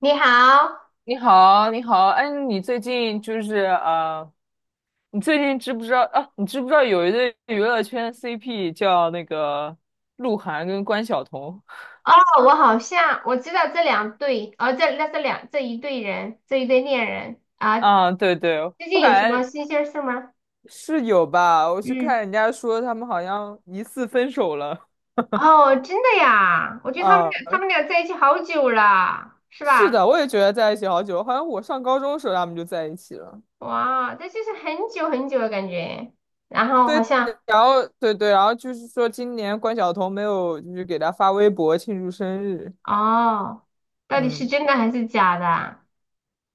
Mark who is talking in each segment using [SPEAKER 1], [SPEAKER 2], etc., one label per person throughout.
[SPEAKER 1] 你好，
[SPEAKER 2] 你好，你好，哎，你最近你最近知不知道啊？你知不知道有一对娱乐圈 CP 叫那个鹿晗跟关晓彤？
[SPEAKER 1] 哦，我好 像知道这两对，哦，这一对人，这一对恋人啊，
[SPEAKER 2] 啊，对对，
[SPEAKER 1] 最
[SPEAKER 2] 我
[SPEAKER 1] 近有什
[SPEAKER 2] 感
[SPEAKER 1] 么
[SPEAKER 2] 觉
[SPEAKER 1] 新鲜事吗？
[SPEAKER 2] 是有吧，我是看
[SPEAKER 1] 嗯，
[SPEAKER 2] 人家说他们好像疑似分手了。
[SPEAKER 1] 哦，真的呀，我觉得他们
[SPEAKER 2] 啊，
[SPEAKER 1] 俩他们俩在一起好久了，是
[SPEAKER 2] 是
[SPEAKER 1] 吧？
[SPEAKER 2] 的，我也觉得在一起好久，好像我上高中的时候他们就在一起了。
[SPEAKER 1] 哇，这就是很久很久的感觉。然后好
[SPEAKER 2] 对，
[SPEAKER 1] 像，
[SPEAKER 2] 然后对对，然后就是说今年关晓彤没有就是给他发微博庆祝生日。
[SPEAKER 1] 哦，到底是
[SPEAKER 2] 嗯。
[SPEAKER 1] 真的还是假的啊？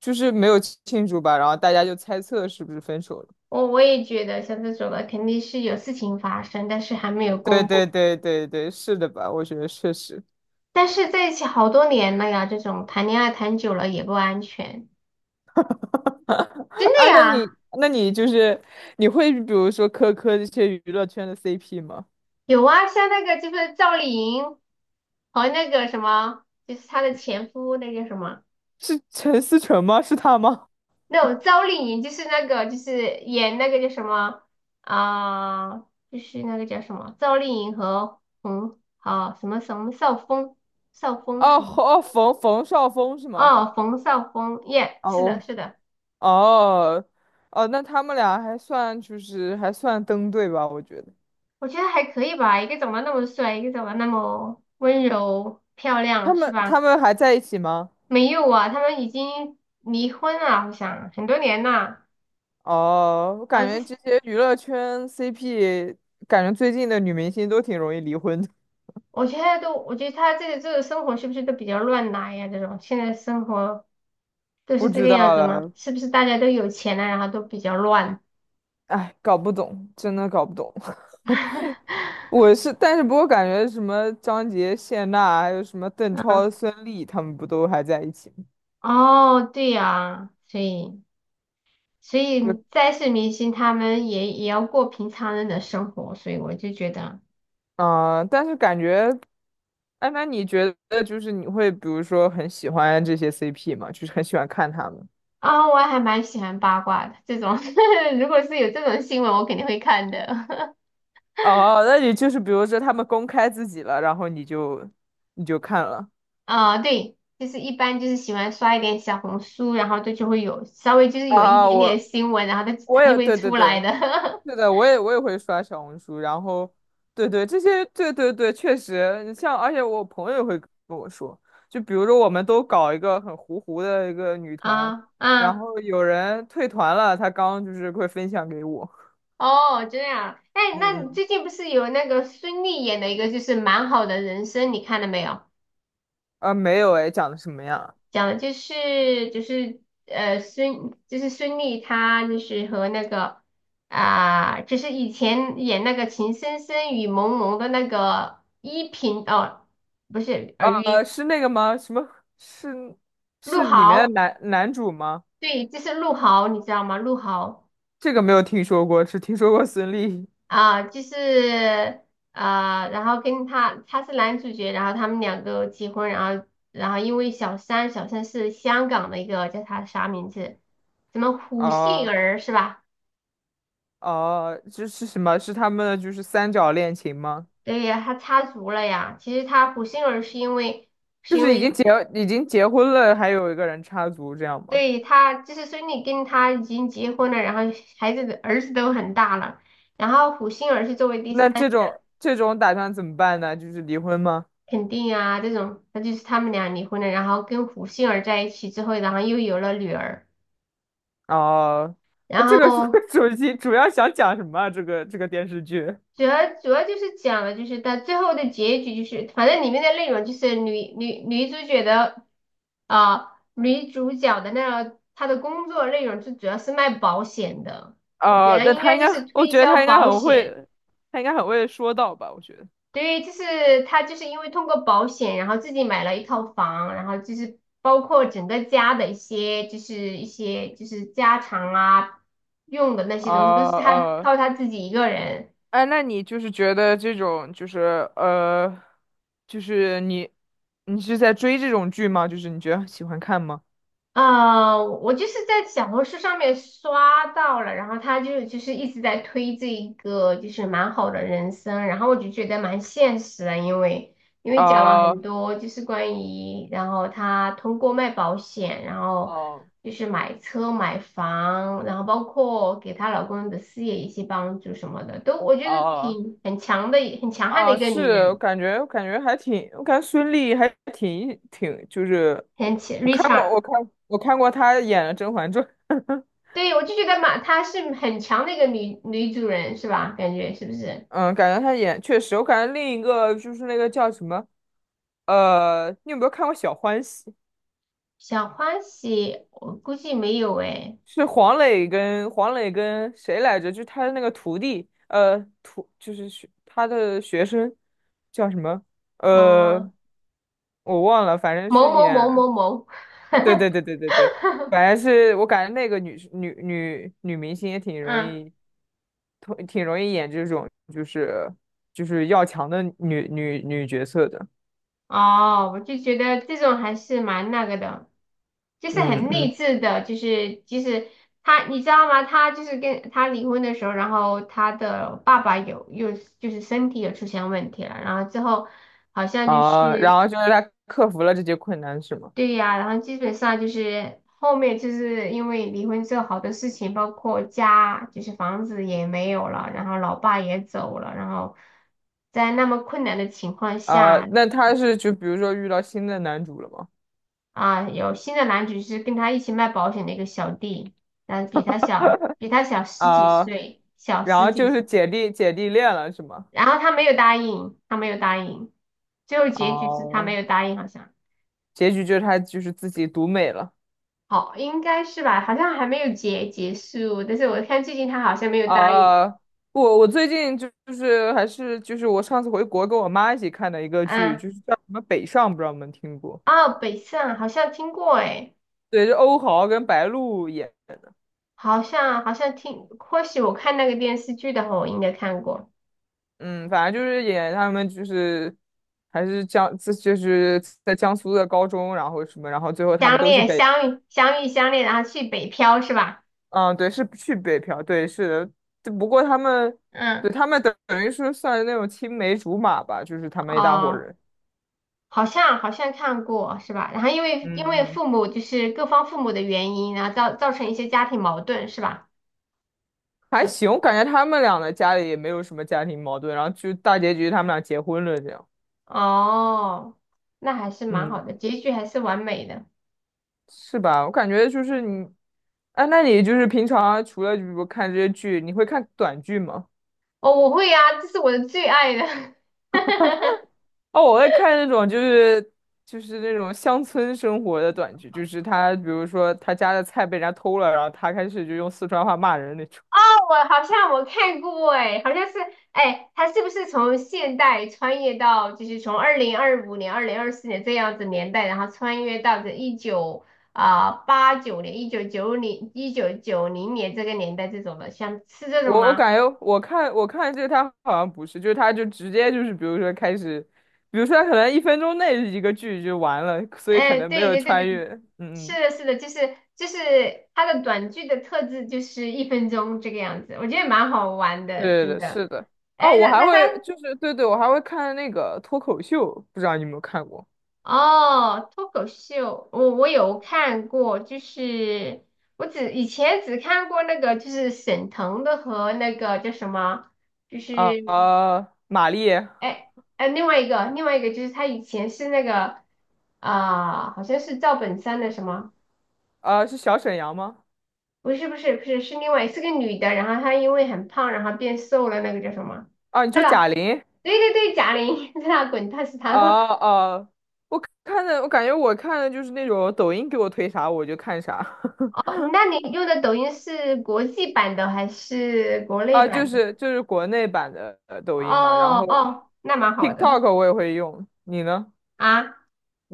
[SPEAKER 2] 就是没有庆祝吧，然后大家就猜测是不是分手了。
[SPEAKER 1] 我也觉得像这种的肯定是有事情发生，但是还没有
[SPEAKER 2] 对
[SPEAKER 1] 公布。
[SPEAKER 2] 对对对对，是的吧？我觉得确实。
[SPEAKER 1] 但是在一起好多年了呀，这种谈恋爱谈久了也不安全，真
[SPEAKER 2] 啊，
[SPEAKER 1] 的
[SPEAKER 2] 那
[SPEAKER 1] 呀，
[SPEAKER 2] 你那你就是你会比如说磕这些娱乐圈的 CP 吗？
[SPEAKER 1] 有啊，像那个就是赵丽颖和那个什么，就是她的前夫那个什么，
[SPEAKER 2] 是陈思诚吗？是他吗？
[SPEAKER 1] 那种赵丽颖就是那个就是演那个叫什么啊、就是那个叫什么赵丽颖和冯啊、什么什么少峰，绍峰
[SPEAKER 2] 哦
[SPEAKER 1] 什么
[SPEAKER 2] 哦，冯绍峰是吗？
[SPEAKER 1] 哦，冯绍峰，耶、是的，
[SPEAKER 2] 哦
[SPEAKER 1] 是的。
[SPEAKER 2] 哦哦，那他们俩还算就是还算登对吧？我觉得
[SPEAKER 1] 我觉得还可以吧，一个长得那么帅，一个长得那么温柔漂
[SPEAKER 2] 他
[SPEAKER 1] 亮，是
[SPEAKER 2] 们他
[SPEAKER 1] 吧？
[SPEAKER 2] 们还在一起吗？
[SPEAKER 1] 没有啊，他们已经离婚了，好像很多年了。
[SPEAKER 2] 哦，我感
[SPEAKER 1] 然后这，
[SPEAKER 2] 觉这些娱乐圈 CP，感觉最近的女明星都挺容易离婚的。
[SPEAKER 1] 我觉得都，我觉得他这个生活是不是都比较乱来呀？这种现在生活都
[SPEAKER 2] 不
[SPEAKER 1] 是这
[SPEAKER 2] 知
[SPEAKER 1] 个样
[SPEAKER 2] 道
[SPEAKER 1] 子吗？
[SPEAKER 2] 了，
[SPEAKER 1] 是不是大家都有钱了，然后都比较乱？
[SPEAKER 2] 哎，搞不懂，真的搞不懂。我是，但是不过感觉什么张杰、谢娜，还有什么邓超、
[SPEAKER 1] 嗯，
[SPEAKER 2] 孙俪，他们不都还在一起吗？
[SPEAKER 1] 哦，对呀，所以所以
[SPEAKER 2] 对，
[SPEAKER 1] 再是明星，他们也也要过平常人的生活，所以我就觉得。
[SPEAKER 2] 啊，但是感觉，哎，那你觉得就是你会比如说很喜欢这些 CP 吗？就是很喜欢看他们。
[SPEAKER 1] 啊，我还蛮喜欢八卦的这种，如果是有这种新闻，我肯定会看的。
[SPEAKER 2] 哦，那你就是比如说他们公开自己了，然后你就看了。
[SPEAKER 1] 啊，对，就是一般就是喜欢刷一点小红书，然后这就会有稍微就是有一
[SPEAKER 2] 啊，
[SPEAKER 1] 点点
[SPEAKER 2] 我
[SPEAKER 1] 新闻，然后它
[SPEAKER 2] 我
[SPEAKER 1] 它就
[SPEAKER 2] 也
[SPEAKER 1] 会
[SPEAKER 2] 对对
[SPEAKER 1] 出来
[SPEAKER 2] 对，
[SPEAKER 1] 的。
[SPEAKER 2] 是的，我也会刷小红书，然后对对这些对对对，确实，你像而且我朋友也会跟我说，就比如说我们都搞一个很糊糊的一个女 团，
[SPEAKER 1] 啊
[SPEAKER 2] 然
[SPEAKER 1] 啊，
[SPEAKER 2] 后有人退团了，他刚就是会分享给我。
[SPEAKER 1] 哦，这样。哎，那
[SPEAKER 2] 嗯
[SPEAKER 1] 你
[SPEAKER 2] 嗯，
[SPEAKER 1] 最近不是有那个孙俪演的一个就是蛮好的人生，你看了没有？
[SPEAKER 2] 啊没有哎，讲的什么呀？
[SPEAKER 1] 讲的就是就是孙俪她就是和那个啊、就是以前演那个《情深深雨蒙蒙》的那个依萍哦，不是尔
[SPEAKER 2] 啊
[SPEAKER 1] 虞
[SPEAKER 2] 是那个吗？什么是
[SPEAKER 1] 陆
[SPEAKER 2] 是里面的
[SPEAKER 1] 豪，
[SPEAKER 2] 男主吗？
[SPEAKER 1] 对，就是陆豪，你知道吗？陆豪
[SPEAKER 2] 这个没有听说过，只听说过孙俪
[SPEAKER 1] 啊、就是啊然后跟他是男主角，然后他们两个结婚，然后然后因为小三，小三是香港的一个叫他啥名字？什么胡
[SPEAKER 2] 啊。
[SPEAKER 1] 杏
[SPEAKER 2] 哦
[SPEAKER 1] 儿是吧？
[SPEAKER 2] 哦，这是什么？是他们的就是三角恋情吗？
[SPEAKER 1] 对呀，他插足了呀。其实他胡杏儿是因为，是
[SPEAKER 2] 就
[SPEAKER 1] 因
[SPEAKER 2] 是已
[SPEAKER 1] 为
[SPEAKER 2] 经结已经结婚了，还有一个人插足这样吗？
[SPEAKER 1] 对他就是孙俪跟他已经结婚了，然后孩子的儿子都很大了，然后胡杏儿是作为第
[SPEAKER 2] 那
[SPEAKER 1] 三
[SPEAKER 2] 这种这种打算怎么办呢？就是离婚吗？
[SPEAKER 1] 肯定啊这种，那就是他们俩离婚了，然后跟胡杏儿在一起之后，然后又有了女儿，
[SPEAKER 2] 哦，那
[SPEAKER 1] 然
[SPEAKER 2] 这个是
[SPEAKER 1] 后
[SPEAKER 2] 主要想讲什么啊？这个这个电视剧？
[SPEAKER 1] 主要就是讲了，就是到最后的结局，就是反正里面的内容就是女主角的啊、女主角的那个她的工作内容就主要是卖保险的，我觉
[SPEAKER 2] 哦，
[SPEAKER 1] 得
[SPEAKER 2] 那
[SPEAKER 1] 应
[SPEAKER 2] 他
[SPEAKER 1] 该
[SPEAKER 2] 应
[SPEAKER 1] 就
[SPEAKER 2] 该，
[SPEAKER 1] 是
[SPEAKER 2] 我
[SPEAKER 1] 推
[SPEAKER 2] 觉得
[SPEAKER 1] 销
[SPEAKER 2] 他应该
[SPEAKER 1] 保
[SPEAKER 2] 很
[SPEAKER 1] 险。
[SPEAKER 2] 会，他应该很会说到吧？我觉得。
[SPEAKER 1] 对，就是她就是因为通过保险，然后自己买了一套房，然后就是包括整个家的一些就是一些就是家常啊用的那
[SPEAKER 2] 哦
[SPEAKER 1] 些东西，都是她
[SPEAKER 2] 哦，
[SPEAKER 1] 靠她自己一个人。
[SPEAKER 2] 哎，那你就是觉得这种呃，就是你是在追这种剧吗？就是你觉得喜欢看吗？
[SPEAKER 1] 呃，我就是在小红书上面刷到了，然后他就是一直在推这一个就是蛮好的人生，然后我就觉得蛮现实的，因为讲了
[SPEAKER 2] 啊、
[SPEAKER 1] 很多就是关于，然后他通过卖保险，然后
[SPEAKER 2] 哦
[SPEAKER 1] 就是买车买房，然后包括给她老公的事业一些帮助什么的，都我觉得
[SPEAKER 2] 哦
[SPEAKER 1] 挺很强的，很强悍的
[SPEAKER 2] 啊，
[SPEAKER 1] 一个
[SPEAKER 2] 是，
[SPEAKER 1] 女
[SPEAKER 2] 我
[SPEAKER 1] 人，
[SPEAKER 2] 感觉我感觉还挺，我感觉孙俪还挺，就是
[SPEAKER 1] 很强，
[SPEAKER 2] 我
[SPEAKER 1] 女
[SPEAKER 2] 看过
[SPEAKER 1] 强
[SPEAKER 2] 我看我看过她演的《甄嬛传》。
[SPEAKER 1] 对，我就觉得嘛，她是很强的一个女主人，是吧？感觉是不是？
[SPEAKER 2] 嗯，感觉她演确实，我感觉另一个就是那个叫什么你有没有看过《小欢喜》？
[SPEAKER 1] 小欢喜，我估计没有诶。
[SPEAKER 2] 是黄磊跟谁来着？就是他的那个徒弟，呃，就是学他的学生叫什么？呃，
[SPEAKER 1] 哦，
[SPEAKER 2] 我忘了，反正
[SPEAKER 1] 某
[SPEAKER 2] 是
[SPEAKER 1] 某某
[SPEAKER 2] 演，
[SPEAKER 1] 某某，
[SPEAKER 2] 对对对对对对，反正是我感觉那个女明星也挺容
[SPEAKER 1] 嗯，
[SPEAKER 2] 易，挺容易演这种就是就是要强的女角色的。
[SPEAKER 1] 哦，我就觉得这种还是蛮那个的，就是
[SPEAKER 2] 嗯
[SPEAKER 1] 很
[SPEAKER 2] 嗯，
[SPEAKER 1] 励志的，就是就是她，你知道吗？她就是跟她离婚的时候，然后她的爸爸有又就是身体有出现问题了，然后之后好像就
[SPEAKER 2] 啊，然
[SPEAKER 1] 是。
[SPEAKER 2] 后就是她克服了这些困难，是吗？
[SPEAKER 1] 对呀，然后基本上就是后面就是因为离婚之后，好多事情，包括家，就是房子也没有了，然后老爸也走了，然后在那么困难的情况
[SPEAKER 2] 啊、
[SPEAKER 1] 下
[SPEAKER 2] 那他是就比如说遇到新的男主了吗？
[SPEAKER 1] 啊，有新的男主是跟他一起卖保险的一个小弟，但比他小，比他小十几
[SPEAKER 2] 啊、
[SPEAKER 1] 岁，小
[SPEAKER 2] 然
[SPEAKER 1] 十
[SPEAKER 2] 后就
[SPEAKER 1] 几，
[SPEAKER 2] 是姐弟恋了是吗？
[SPEAKER 1] 然后他没有答应，他没有答应，最后结局是他没
[SPEAKER 2] 哦、
[SPEAKER 1] 有答应，好像。
[SPEAKER 2] 结局就是他就是自己独美了。
[SPEAKER 1] 好，应该是吧，好像还没有结束，但是我看最近他好像没有答应。
[SPEAKER 2] 啊、我最近就就是还是就是我上次回国跟我妈一起看的一个剧，
[SPEAKER 1] 嗯，
[SPEAKER 2] 就是叫什么《北上》，不知道你们听过？
[SPEAKER 1] 哦，北上好像听过哎，
[SPEAKER 2] 对，是欧豪跟白鹿演。
[SPEAKER 1] 好像听，或许我看那个电视剧的话，我应该看过
[SPEAKER 2] 嗯，反正就是演他们就是还是江，这就是在江苏的高中，然后什么，然后最后他
[SPEAKER 1] 相
[SPEAKER 2] 们都去
[SPEAKER 1] 恋
[SPEAKER 2] 北。
[SPEAKER 1] 相遇相恋，然后去北漂是吧？
[SPEAKER 2] 嗯，对，是去北漂，对，是的，只不过他们，对，
[SPEAKER 1] 嗯，
[SPEAKER 2] 他们等于是算那种青梅竹马吧，就是他们一大伙
[SPEAKER 1] 哦，
[SPEAKER 2] 人。
[SPEAKER 1] 好像好像看过是吧？然后因为
[SPEAKER 2] 嗯，
[SPEAKER 1] 父母就是各方父母的原因，然后造成一些家庭矛盾是吧？
[SPEAKER 2] 还
[SPEAKER 1] 有
[SPEAKER 2] 行，我感觉他们俩的家里也没有什么家庭矛盾，然后就大结局他们俩结婚了，这样。
[SPEAKER 1] 哦，那还是蛮好
[SPEAKER 2] 嗯，
[SPEAKER 1] 的，结局还是完美的。
[SPEAKER 2] 是吧？我感觉就是你，哎，那你就是平常除了比如看这些剧，你会看短剧吗？
[SPEAKER 1] 哦，我会啊，这是我的最爱的。
[SPEAKER 2] 哦，我在看那种就是就是那种乡村生活的短剧，就是他比如说他家的菜被人家偷了，然后他开始就用四川话骂人那种。
[SPEAKER 1] 我好像我看过哎，好像是哎，他是不是从现代穿越到就是从2025年、2024年这样子年代，然后穿越到这一九八九年、一九九零年这个年代这种的，像是这种
[SPEAKER 2] 我
[SPEAKER 1] 吗？
[SPEAKER 2] 感觉我看这个他好像不是，就是他就直接就是比如说开始，比如说他可能1分钟内一个剧就完了，所以可
[SPEAKER 1] 哎，
[SPEAKER 2] 能没
[SPEAKER 1] 对
[SPEAKER 2] 有
[SPEAKER 1] 对对
[SPEAKER 2] 穿
[SPEAKER 1] 对，
[SPEAKER 2] 越。嗯
[SPEAKER 1] 是
[SPEAKER 2] 嗯，
[SPEAKER 1] 的，是的，就是就是他的短剧的特质就是1分钟这个样子，我觉得蛮好玩的，
[SPEAKER 2] 对对
[SPEAKER 1] 真
[SPEAKER 2] 对，
[SPEAKER 1] 的。
[SPEAKER 2] 是的。哦，
[SPEAKER 1] 哎，
[SPEAKER 2] 我
[SPEAKER 1] 那
[SPEAKER 2] 还
[SPEAKER 1] 那他
[SPEAKER 2] 会就是对对，我还会看那个脱口秀，不知道你有没有看过
[SPEAKER 1] 哦，脱口秀，我有看过，就是我只以前只看过那个，就是沈腾的和那个叫什么，就
[SPEAKER 2] 啊？
[SPEAKER 1] 是
[SPEAKER 2] 呃，马丽，
[SPEAKER 1] 哎哎，另外一个就是他以前是那个啊、好像是赵本山的什么，
[SPEAKER 2] 呃，是小沈阳吗？
[SPEAKER 1] 不是不是不是是另外是个女的，然后她因为很胖，然后变瘦了，那个叫什么？
[SPEAKER 2] 啊，你
[SPEAKER 1] 对
[SPEAKER 2] 说
[SPEAKER 1] 了，
[SPEAKER 2] 贾玲？
[SPEAKER 1] 对对对，贾玲，在那滚蛋是她，
[SPEAKER 2] 哦哦，我看的，我感觉我看的就是那种抖音给我推啥我就看啥。
[SPEAKER 1] 哦，那你用的抖音是国际版的还是国 内
[SPEAKER 2] 啊，就
[SPEAKER 1] 版的？
[SPEAKER 2] 是就是国内版的抖音嘛，然
[SPEAKER 1] 哦
[SPEAKER 2] 后
[SPEAKER 1] 哦，那蛮好的
[SPEAKER 2] TikTok 我也会用，你呢？
[SPEAKER 1] 啊。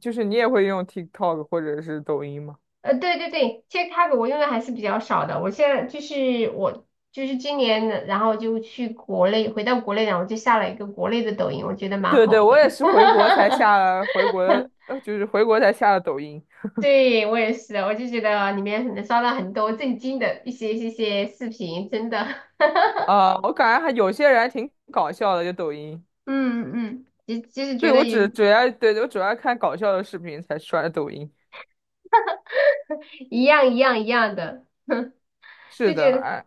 [SPEAKER 2] 就是你也会用 TikTok 或者是抖音吗？
[SPEAKER 1] 呃，对对对，其实它我用的还是比较少的。我现在就是我就是今年的然后就去国内，回到国内，然后就下了一个国内的抖音，我觉得蛮
[SPEAKER 2] 对
[SPEAKER 1] 好
[SPEAKER 2] 对，我
[SPEAKER 1] 的。
[SPEAKER 2] 也是回国才 下了回国的呃，就是回国才下了抖音。
[SPEAKER 1] 对，我也是，我就觉得里面能刷到很多震惊的一些视频，真的，
[SPEAKER 2] 啊、我感觉还有些人还挺搞笑的，就抖音。
[SPEAKER 1] 嗯嗯，其实觉
[SPEAKER 2] 对，
[SPEAKER 1] 得也
[SPEAKER 2] 我主要看搞笑的视频才刷抖音。
[SPEAKER 1] 一样一样一样的，
[SPEAKER 2] 是
[SPEAKER 1] 就
[SPEAKER 2] 的，
[SPEAKER 1] 觉得。
[SPEAKER 2] 哎。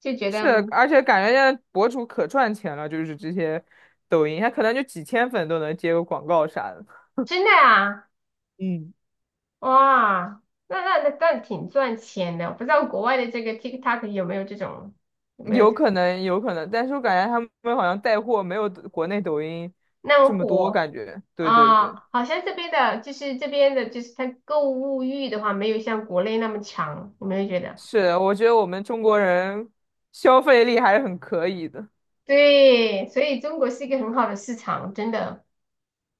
[SPEAKER 2] 是，
[SPEAKER 1] 嗯
[SPEAKER 2] 而且感觉现在博主可赚钱了，就是这些抖音，他可能就几千粉都能接个广告啥的。
[SPEAKER 1] 真的啊，
[SPEAKER 2] 嗯，
[SPEAKER 1] 哇，那挺赚钱的。我不知道国外的这个 TikTok 有没有这种，有没有这
[SPEAKER 2] 有
[SPEAKER 1] 种
[SPEAKER 2] 可能，有可能，但是我感觉他们好像带货没有国内抖音
[SPEAKER 1] 那
[SPEAKER 2] 这
[SPEAKER 1] 么
[SPEAKER 2] 么多，
[SPEAKER 1] 火
[SPEAKER 2] 感觉，对对
[SPEAKER 1] 啊？
[SPEAKER 2] 对。
[SPEAKER 1] 好像这边的，就是这边的，就是它购物欲的话，没有像国内那么强，有没有觉得？
[SPEAKER 2] 是，我觉得我们中国人消费力还是很可以的。
[SPEAKER 1] 对，所以中国是一个很好的市场，真的。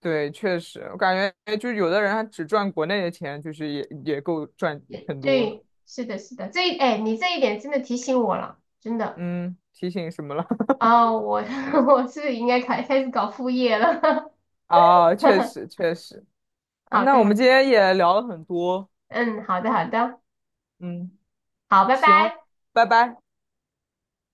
[SPEAKER 2] 对，确实，我感觉就是有的人他只赚国内的钱，就是也也够赚很多了。
[SPEAKER 1] 对，是的，是的，哎，你这一点真的提醒我了，真的。
[SPEAKER 2] 嗯，提醒什么了？
[SPEAKER 1] 哦，我 我是不是应该开始搞副业了。
[SPEAKER 2] 啊，确实 确实。啊，
[SPEAKER 1] 好
[SPEAKER 2] 那
[SPEAKER 1] 的，
[SPEAKER 2] 我
[SPEAKER 1] 好
[SPEAKER 2] 们今
[SPEAKER 1] 的。
[SPEAKER 2] 天也聊了很多。
[SPEAKER 1] 嗯，好的，好的，
[SPEAKER 2] 嗯，
[SPEAKER 1] 好，拜
[SPEAKER 2] 行，
[SPEAKER 1] 拜。
[SPEAKER 2] 拜拜。